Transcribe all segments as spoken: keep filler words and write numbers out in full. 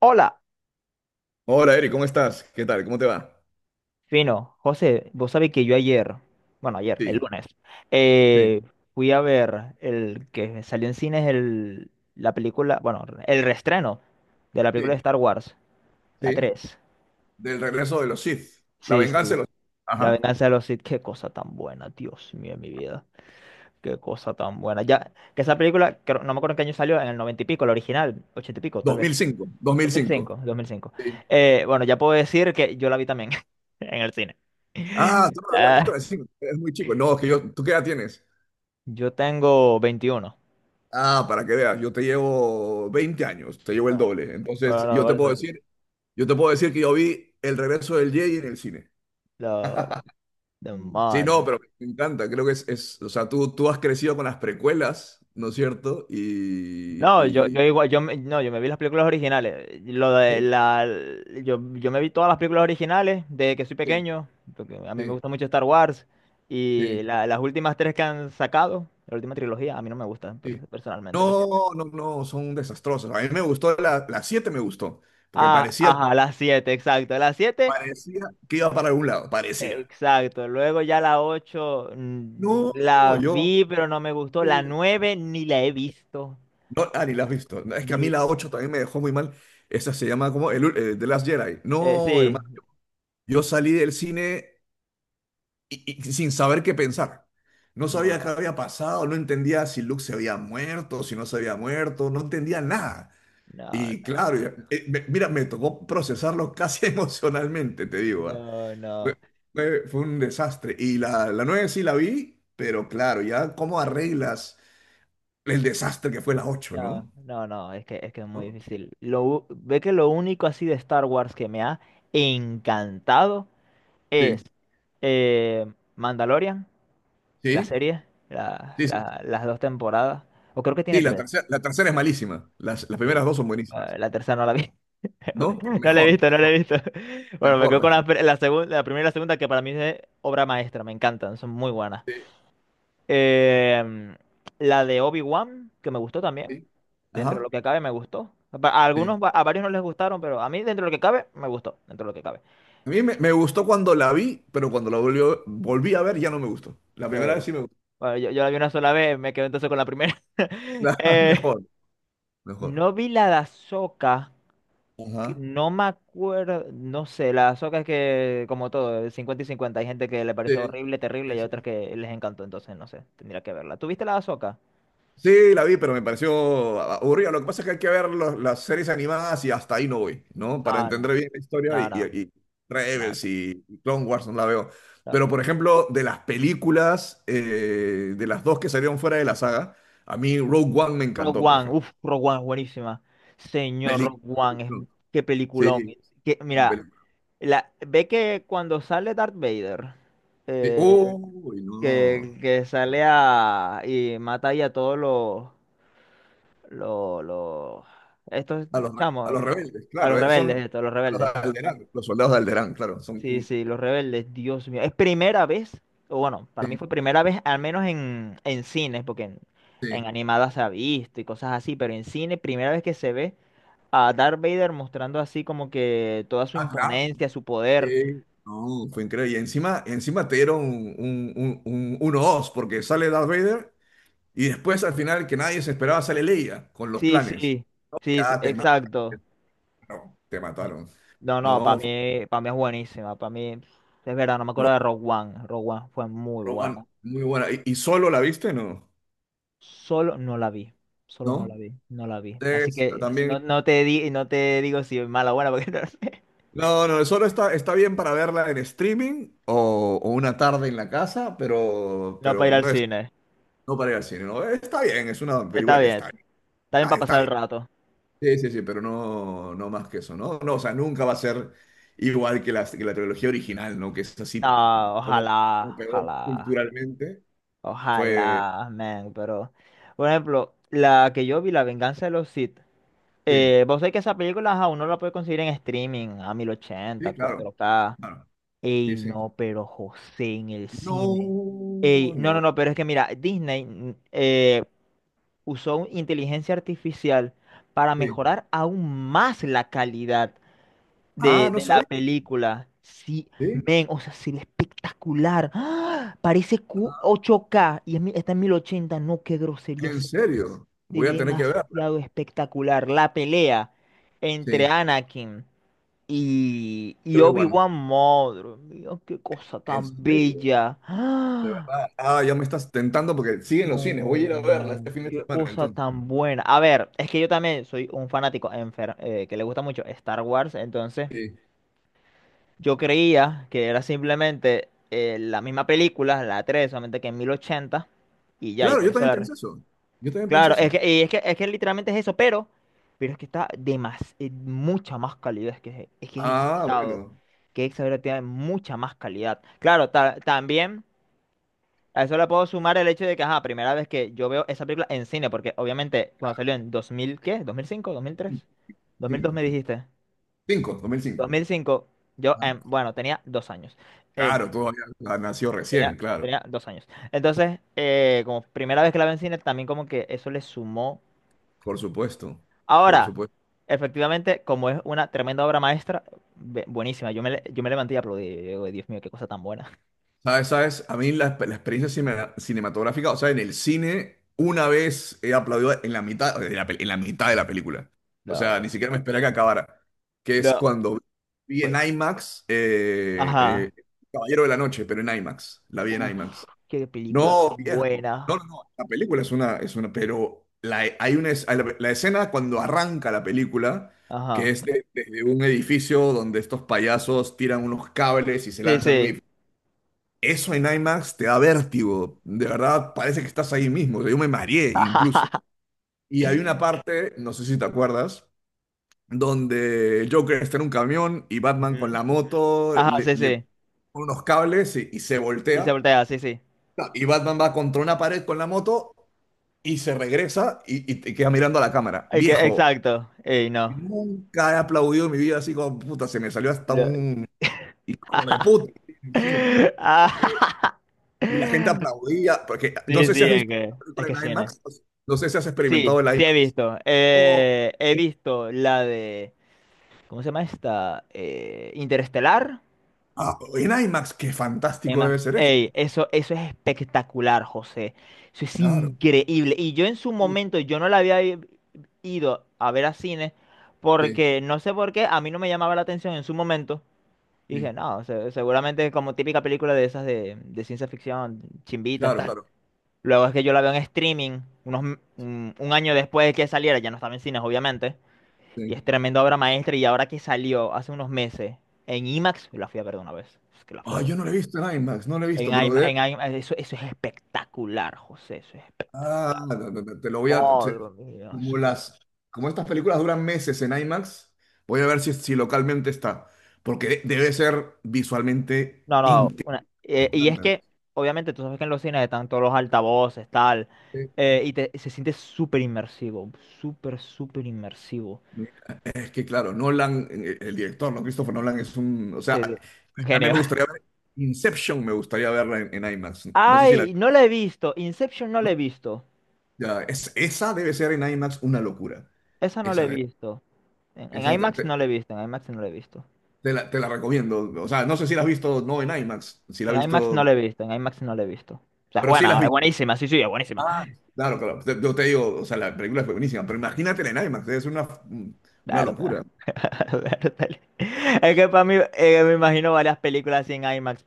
Hola, Hola, Eric, ¿cómo estás? ¿Qué tal? ¿Cómo te va? fino. José, vos sabés que yo ayer, bueno, ayer, el Sí, lunes, sí, eh, fui a ver el que salió en cines el, la película, bueno, el reestreno de la película de sí, Star Wars, la sí. tres. Del regreso de los Sith. La Sí, venganza sí. de los Sith. La Ajá. venganza de los Sith, qué cosa tan buena, Dios mío, mi vida. Qué cosa tan buena. Ya, que esa película, creo- no me acuerdo en qué año salió, en el noventa y pico, la original, ochenta y pico, tal vez. dos mil cinco, dos mil cinco, dos mil cinco. dos mil cinco. Sí. Eh, bueno, ya puedo decir que yo la vi también en el cine. Ah, tú no lo habías visto de cinco, es muy chico. No, es que yo, ¿tú qué edad tienes? Yo tengo veintiuno. Ah, para que veas, yo te llevo veinte años, te llevo el Bueno, doble. bueno, Entonces, no, yo te por puedo eso. decir, yo te puedo decir que yo vi El regreso del Jedi en el cine. Lo... Sí, no, Demonios. pero me encanta, creo que es, es- o sea, tú, tú has crecido con las precuelas, ¿no es cierto? Y, No, yo, yo y- igual, yo me, no, yo me vi las películas originales. Lo de Sí, la, yo, yo me vi todas las películas originales desde que soy sí, pequeño, porque a mí me sí, gusta mucho Star Wars. Y sí. la- las últimas tres que han sacado, la última trilogía, a mí no me gustan per- Sí. personalmente, lo siento. No, no, no, son desastrosos. A mí me gustó, la, la siete me gustó, porque Ah, parecía, ajá, las siete, exacto. Las siete, parecía que iba para algún lado, parecía. exacto. Luego ya la ocho mm, No, la yo, vi, pero no me gustó. La uh, nueve ni la he visto. no, ah, ni la has visto. No, Es que a mí Ni- la ocho también me dejó muy mal. Esa se llama como el, ul- eh, The Last Jedi. eh, No, hermano, sí, yo salí del cine y- y sin saber qué pensar. No sabía qué no, había pasado, no entendía si Luke se había muerto, si no se había muerto, no entendía nada. no, Y no, claro, ya- eh, me- mira, me tocó procesarlo casi emocionalmente, te digo. ah. no, Fue, no, fue- fue un desastre. Y la, la nueve sí la vi, pero claro, ya cómo arreglas el desastre que fue la ocho, no, ¿no? no, no, es que, es que es muy ¿No? difícil. Lo, u- ve que lo único así de Star Wars que me ha encantado es Sí, eh, Mandalorian, la sí, serie, la- sí, sí. la- las dos temporadas, o creo que Sí, tiene la tres. tercera, la tercera es malísima. Las, las primeras Sí. dos son Ah, buenísimas, la tercera no la vi. ¿no? No la he Mejor, visto, no la he mejor, visto. Bueno, me mejor, quedo con mejor. la, pre- la segunda, la primera y la segunda que para mí es obra maestra, me encantan, son muy buenas. Sí, Eh, la de Obi-Wan, que me gustó también. sí. Dentro de Ajá, lo que cabe, me gustó. A a sí. algunos, va- a varios no les gustaron, pero a mí, dentro de lo que cabe, me gustó. Dentro de lo que cabe. A mí me, me gustó cuando la vi, pero cuando la volvió- volví a ver ya no me gustó. La primera Eh, vez sí me gustó. bueno, yo, yo la vi una sola vez, me quedé entonces con la primera. Eh, Mejor, mejor. no vi la de Ahsoka, que Ajá. no me acuerdo, no sé, la de Ahsoka es que, como todo, cincuenta y cincuenta. Hay gente que le pareció Sí, horrible, terrible, sí, y hay sí, otras sí. que les encantó, entonces no sé, tendría que verla. ¿Tuviste la de Ahsoka? Sí, la vi, pero me pareció aburrida. Lo que pasa es que hay que ver los- las series animadas y hasta ahí no voy, ¿no? Para Ah, no, entender bien la historia no, y, no, y- y no, Rebels no. y, y Clone Wars no la veo. No. Pero, por ejemplo, de las películas, eh, de las dos que salieron fuera de la saga, a mí Rogue One me Rogue encantó, por One, ejemplo. uff, Rogue One es buenísima. Señor, Rogue Pelic- One, es, qué peliculón. Sí, Que, mira, película. la, ve que cuando sale Darth Vader, Sí. eh, Uy, no. que, que sale a, y mata ahí a todos los, los, los- estos A los, re- a chamos, los los- rebeldes, a claro, los eh, rebeldes, son esto, a los a los de rebeldes. Alderaan, los soldados de Alderaan, claro, son. Sí, sí, los rebeldes, Dios mío. Es primera vez, o bueno, para mí Sí, fue primera vez, al menos en, en cines, porque en, en sí. animadas se ha visto y cosas así, pero en cine, primera vez que se ve a Darth Vader mostrando así como que toda su Ah, claro. imponencia, su poder. Sí. No, fue increíble. Y encima, encima te dieron un, un, un, un uno dos porque sale Darth Vader y después al final que nadie se esperaba sale Leia con los Sí, planes. sí, sí, s- Ya te mataron. exacto. No, te mataron. No, no, para No, fue mí, para mí es buenísima. Para mí, es verdad, no me acuerdo Ro- de Rogue One. Rogue One fue muy Rowan, buena. muy buena. ¿Y, y solo la viste? No. Solo no la vi. Solo no ¿No? la vi. No la vi. Así Es- que no, También. no te di, no te digo si es mala o buena, porque no sé. No, no, solo está, está bien para verla en streaming, o, o una tarde en la casa, pero, No pero para ir al no es cine. no para ir al cine, ¿no? Está bien, es una película Está que está bien. bien. Está bien Está, para está pasar el bien. rato. Sí, sí, sí, pero no, no más que eso, ¿no? No, o sea, nunca va a ser igual que la, que la trilogía original, ¿no? Que es No, así como como ojalá, pegó ojalá. culturalmente. Fue, Ojalá, man, pero. Por ejemplo, la que yo vi, La Venganza de los Sith. sí, eh, vos sabés que esa película ajá, uno la puede conseguir en streaming a mil ochenta sí, claro, cuatro k. claro, Ey, sí, sí. no, pero José en el No, cine. Ey, no, no, no, no, pero es que mira, Disney mm, eh, usó un- inteligencia artificial para sí. mejorar aún más la calidad Ah, de, no de la sabía, película. Sí, sí, men, o sea, se ve espectacular. ¡Ah! Parece Q- ocho K y es mi- está en mil ochenta. No, qué grosería. en Se, serio, se voy ve a tener que verla, demasiado espectacular. La pelea entre sí, Anakin y, y Obi-Wan, Obi-Wan, madre mía, qué cosa en tan serio, bella. de ¡Ah! verdad. Ah, ya me estás tentando porque siguen los cines, No, voy a ir a verla este no, fin de qué semana, cosa entonces. tan buena. A ver, es que yo también soy un fanático enfer- eh, que le gusta mucho Star Wars, entonces. Sí. Yo creía que era simplemente eh, la misma película, la tres solamente que en mil ochenta y ya, y Claro, por yo eso también la... re- pensé eso, yo también pensé Claro, es eso. que, y es que, es que literalmente es eso, pero, pero es que está de más, eh, mucha más calidad, es que es, que es Ah, exagerado, bueno. que es exagerado tiene mucha más calidad. Claro, ta- también a eso le puedo sumar el hecho de que, ajá, primera vez que yo veo esa película en cine, porque obviamente cuando salió en dos mil ¿qué? dos dos mil mil cinco ¿dos mil tres dos mil dos Cinco, me sí. dijiste? Cinco, dos dos mil cinco. mil cinco Yo, Ajá. em, bueno, tenía dos años. Eh, Claro, todavía la- nació recién, Tenía, claro. tenía dos años. Entonces, eh, como primera vez que la vi en cine, también como que eso le sumó. Por supuesto, por Ahora, supuesto. efectivamente, como es una tremenda obra maestra, be- buenísima. Yo me, le- yo me levanté y aplaudí. Yo digo, Dios mío, qué cosa tan buena. ¿Sabes? ¿Sabes? A mí la, la experiencia cine- cinematográfica, o sea, en el cine, una vez he aplaudido en la mitad, en la, pe- en la mitad de la película. O sea, lo ni siquiera me esperaba que acabara. Que es lo cuando vi en fue. IMAX, eh, Ajá. eh, Caballero de la Noche, pero en IMAX. La vi en Uf, IMAX. qué película No, tan viejo. buena. No, no, no. La película es una, es una, pero la, hay una, es- hay la, la escena cuando arranca la película, que Ajá. es de- desde un edificio donde estos payasos tiran unos cables y se Sí, lanzan de un sí. edificio. Eso en IMAX te da vértigo. De verdad, parece que estás ahí mismo. O sea, yo me mareé incluso. Y hay una parte, no sé si te acuerdas, donde el Joker está en un camión y Batman Ujú. con la moto Ajá, le, sí, le sí. pone unos cables y y se Y se voltea. voltea, sí, sí. Y Batman va contra una pared con la moto y se regresa y, y te queda mirando a la cámara. Ay, que, Viejo, exacto. Ey, no. nunca he aplaudido en mi vida así como puta, se me salió hasta Lo- un hijo de puta en el cine. Este, Ah, Y la gente aplaudía, porque no sí, sé si sí, has es visto que, una es película que en cine. IMAX, no sé no sé si has Sí, experimentado el sí he IMAX. visto. Oh, Eh, he visto la de, ¿cómo se llama esta? Eh, Interestelar. ah, en IMAX, qué Es fantástico más, debe ser eso. ey, eso, eso es espectacular, José. Eso es Claro. increíble. Y yo en su Uh, momento, yo no la había i- ido a ver a cine sí, porque no sé por qué, a mí no me llamaba la atención en su momento. Y sí, dije, no, se- seguramente es como típica película de esas de, de ciencia ficción, chimbitas, claro, tal. claro. Luego es que yo la veo en streaming, unos, m- un, un año después de que saliera, ya no estaba en cines, obviamente. Y Sí. es tremenda obra maestra. Y ahora que salió hace unos meses en IMAX, la fui a ver de una vez. Es que la fui a Ah, ver. yo no lo he visto en IMAX, no lo he En visto, pero IMAX, de- en IMAX, eso, eso es espectacular, José. Eso es ah, espectacular. te, te- te- lo voy a... te- Madre mía. Eso como las, como estas películas duran meses en IMAX, voy a ver si, si localmente está. Porque de- debe ser visualmente no, no. una- eh, y es que, impresionante. obviamente, tú sabes que en los cines están todos los altavoces, tal. eh, y te- se siente súper inmersivo. Súper, súper inmersivo. Es que claro, Nolan, eh, el director, ¿no? Christopher Nolan es un... O sea, Se- un a mí genio. me gustaría ver Inception, me gustaría verla en, en, IMAX. No sé si la... Ay, no la he visto. Inception no la he ¿no? visto. Ya, es, esa debe ser en IMAX una locura. Esa no la he Esa, visto. En, en esa te, IMAX te- no la he visto. En IMAX no la he visto. te la, te la recomiendo. O sea, no sé si la has visto, no en IMAX, si la En has IMAX visto, no la he visto, en IMAX no la he visto. O sea, es pero sí la has buena, es visto. buenísima, sí, sí, es buenísima. Ah, claro, claro. Te- Yo te digo, o sea, la película fue buenísima, pero imagínate en IMAX, es una, La una verdad. locura. Bertale. Es que para mí, eh, me imagino varias películas así en IMAX.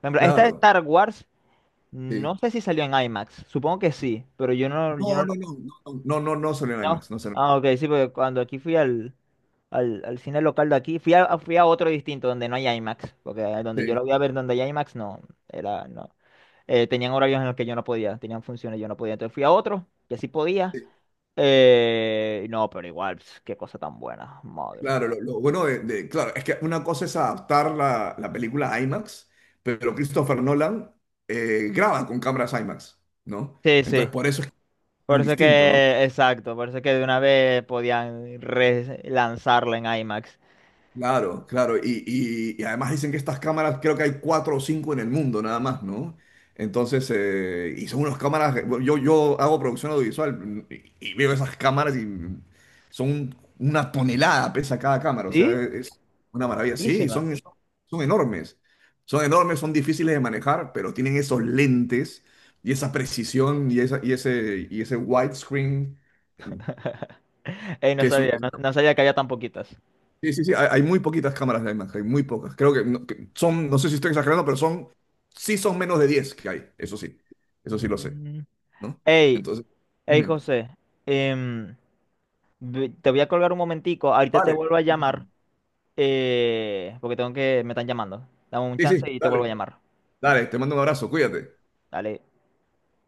Por ejemplo, esta de Claro, Star Wars, sí. no sé si salió en IMAX. Supongo que sí, pero yo no, yo No, no, no, no, no, no, no, no salió en no. IMAX, no salió. Ah, ok, sí, porque cuando aquí fui al, al, al cine local de aquí, fui a, fui a otro distinto donde no hay IMAX, porque donde yo Sí, lo voy a ver donde hay IMAX, no, era, no. Eh, tenían horarios en los que yo no podía, tenían funciones, yo no podía. Entonces fui a otro que sí podía. sí. Eh, no, pero igual, pf, qué cosa tan buena, madre mía. Claro, lo, lo bueno de, de- claro, es que una cosa es adaptar la, la película a IMAX, pero Christopher Nolan eh, graba con cámaras IMAX, ¿no? Sí, Entonces, sí, por eso es por tan eso distinto, ¿no? que, exacto, por eso que de una vez podían relanzarla en IMAX. Claro, claro. Y, y- y además dicen que estas cámaras, creo que hay cuatro o cinco en el mundo nada más, ¿no? Entonces, eh, y son unas cámaras, yo, yo hago producción audiovisual y, y, veo esas cámaras y son una tonelada, pesa cada cámara, o sea, ¿Sí? es una maravilla. Sí, Buenísima. son, son enormes, son enormes, son difíciles de manejar, pero tienen esos lentes y esa precisión y, esa, y ese, y ese widescreen Ey, no que es, sabía, no, no sabía que había tan poquitas. sí, sí, sí, hay, hay muy poquitas cámaras de IMAX, hay muy pocas. Creo que, no- que son, no sé si estoy exagerando, pero son, sí son menos de diez que hay, eso sí, eso sí lo sé, Mm. ¿no? Ey, Entonces, ey, dime, José, em, ve- te voy a colgar un momentico, ahorita te vale, vuelvo a llamar, eh, porque tengo que, me están llamando. Dame un sí, chance sí, y te vuelvo a dale, llamar. dale, te mando un abrazo, cuídate. Dale.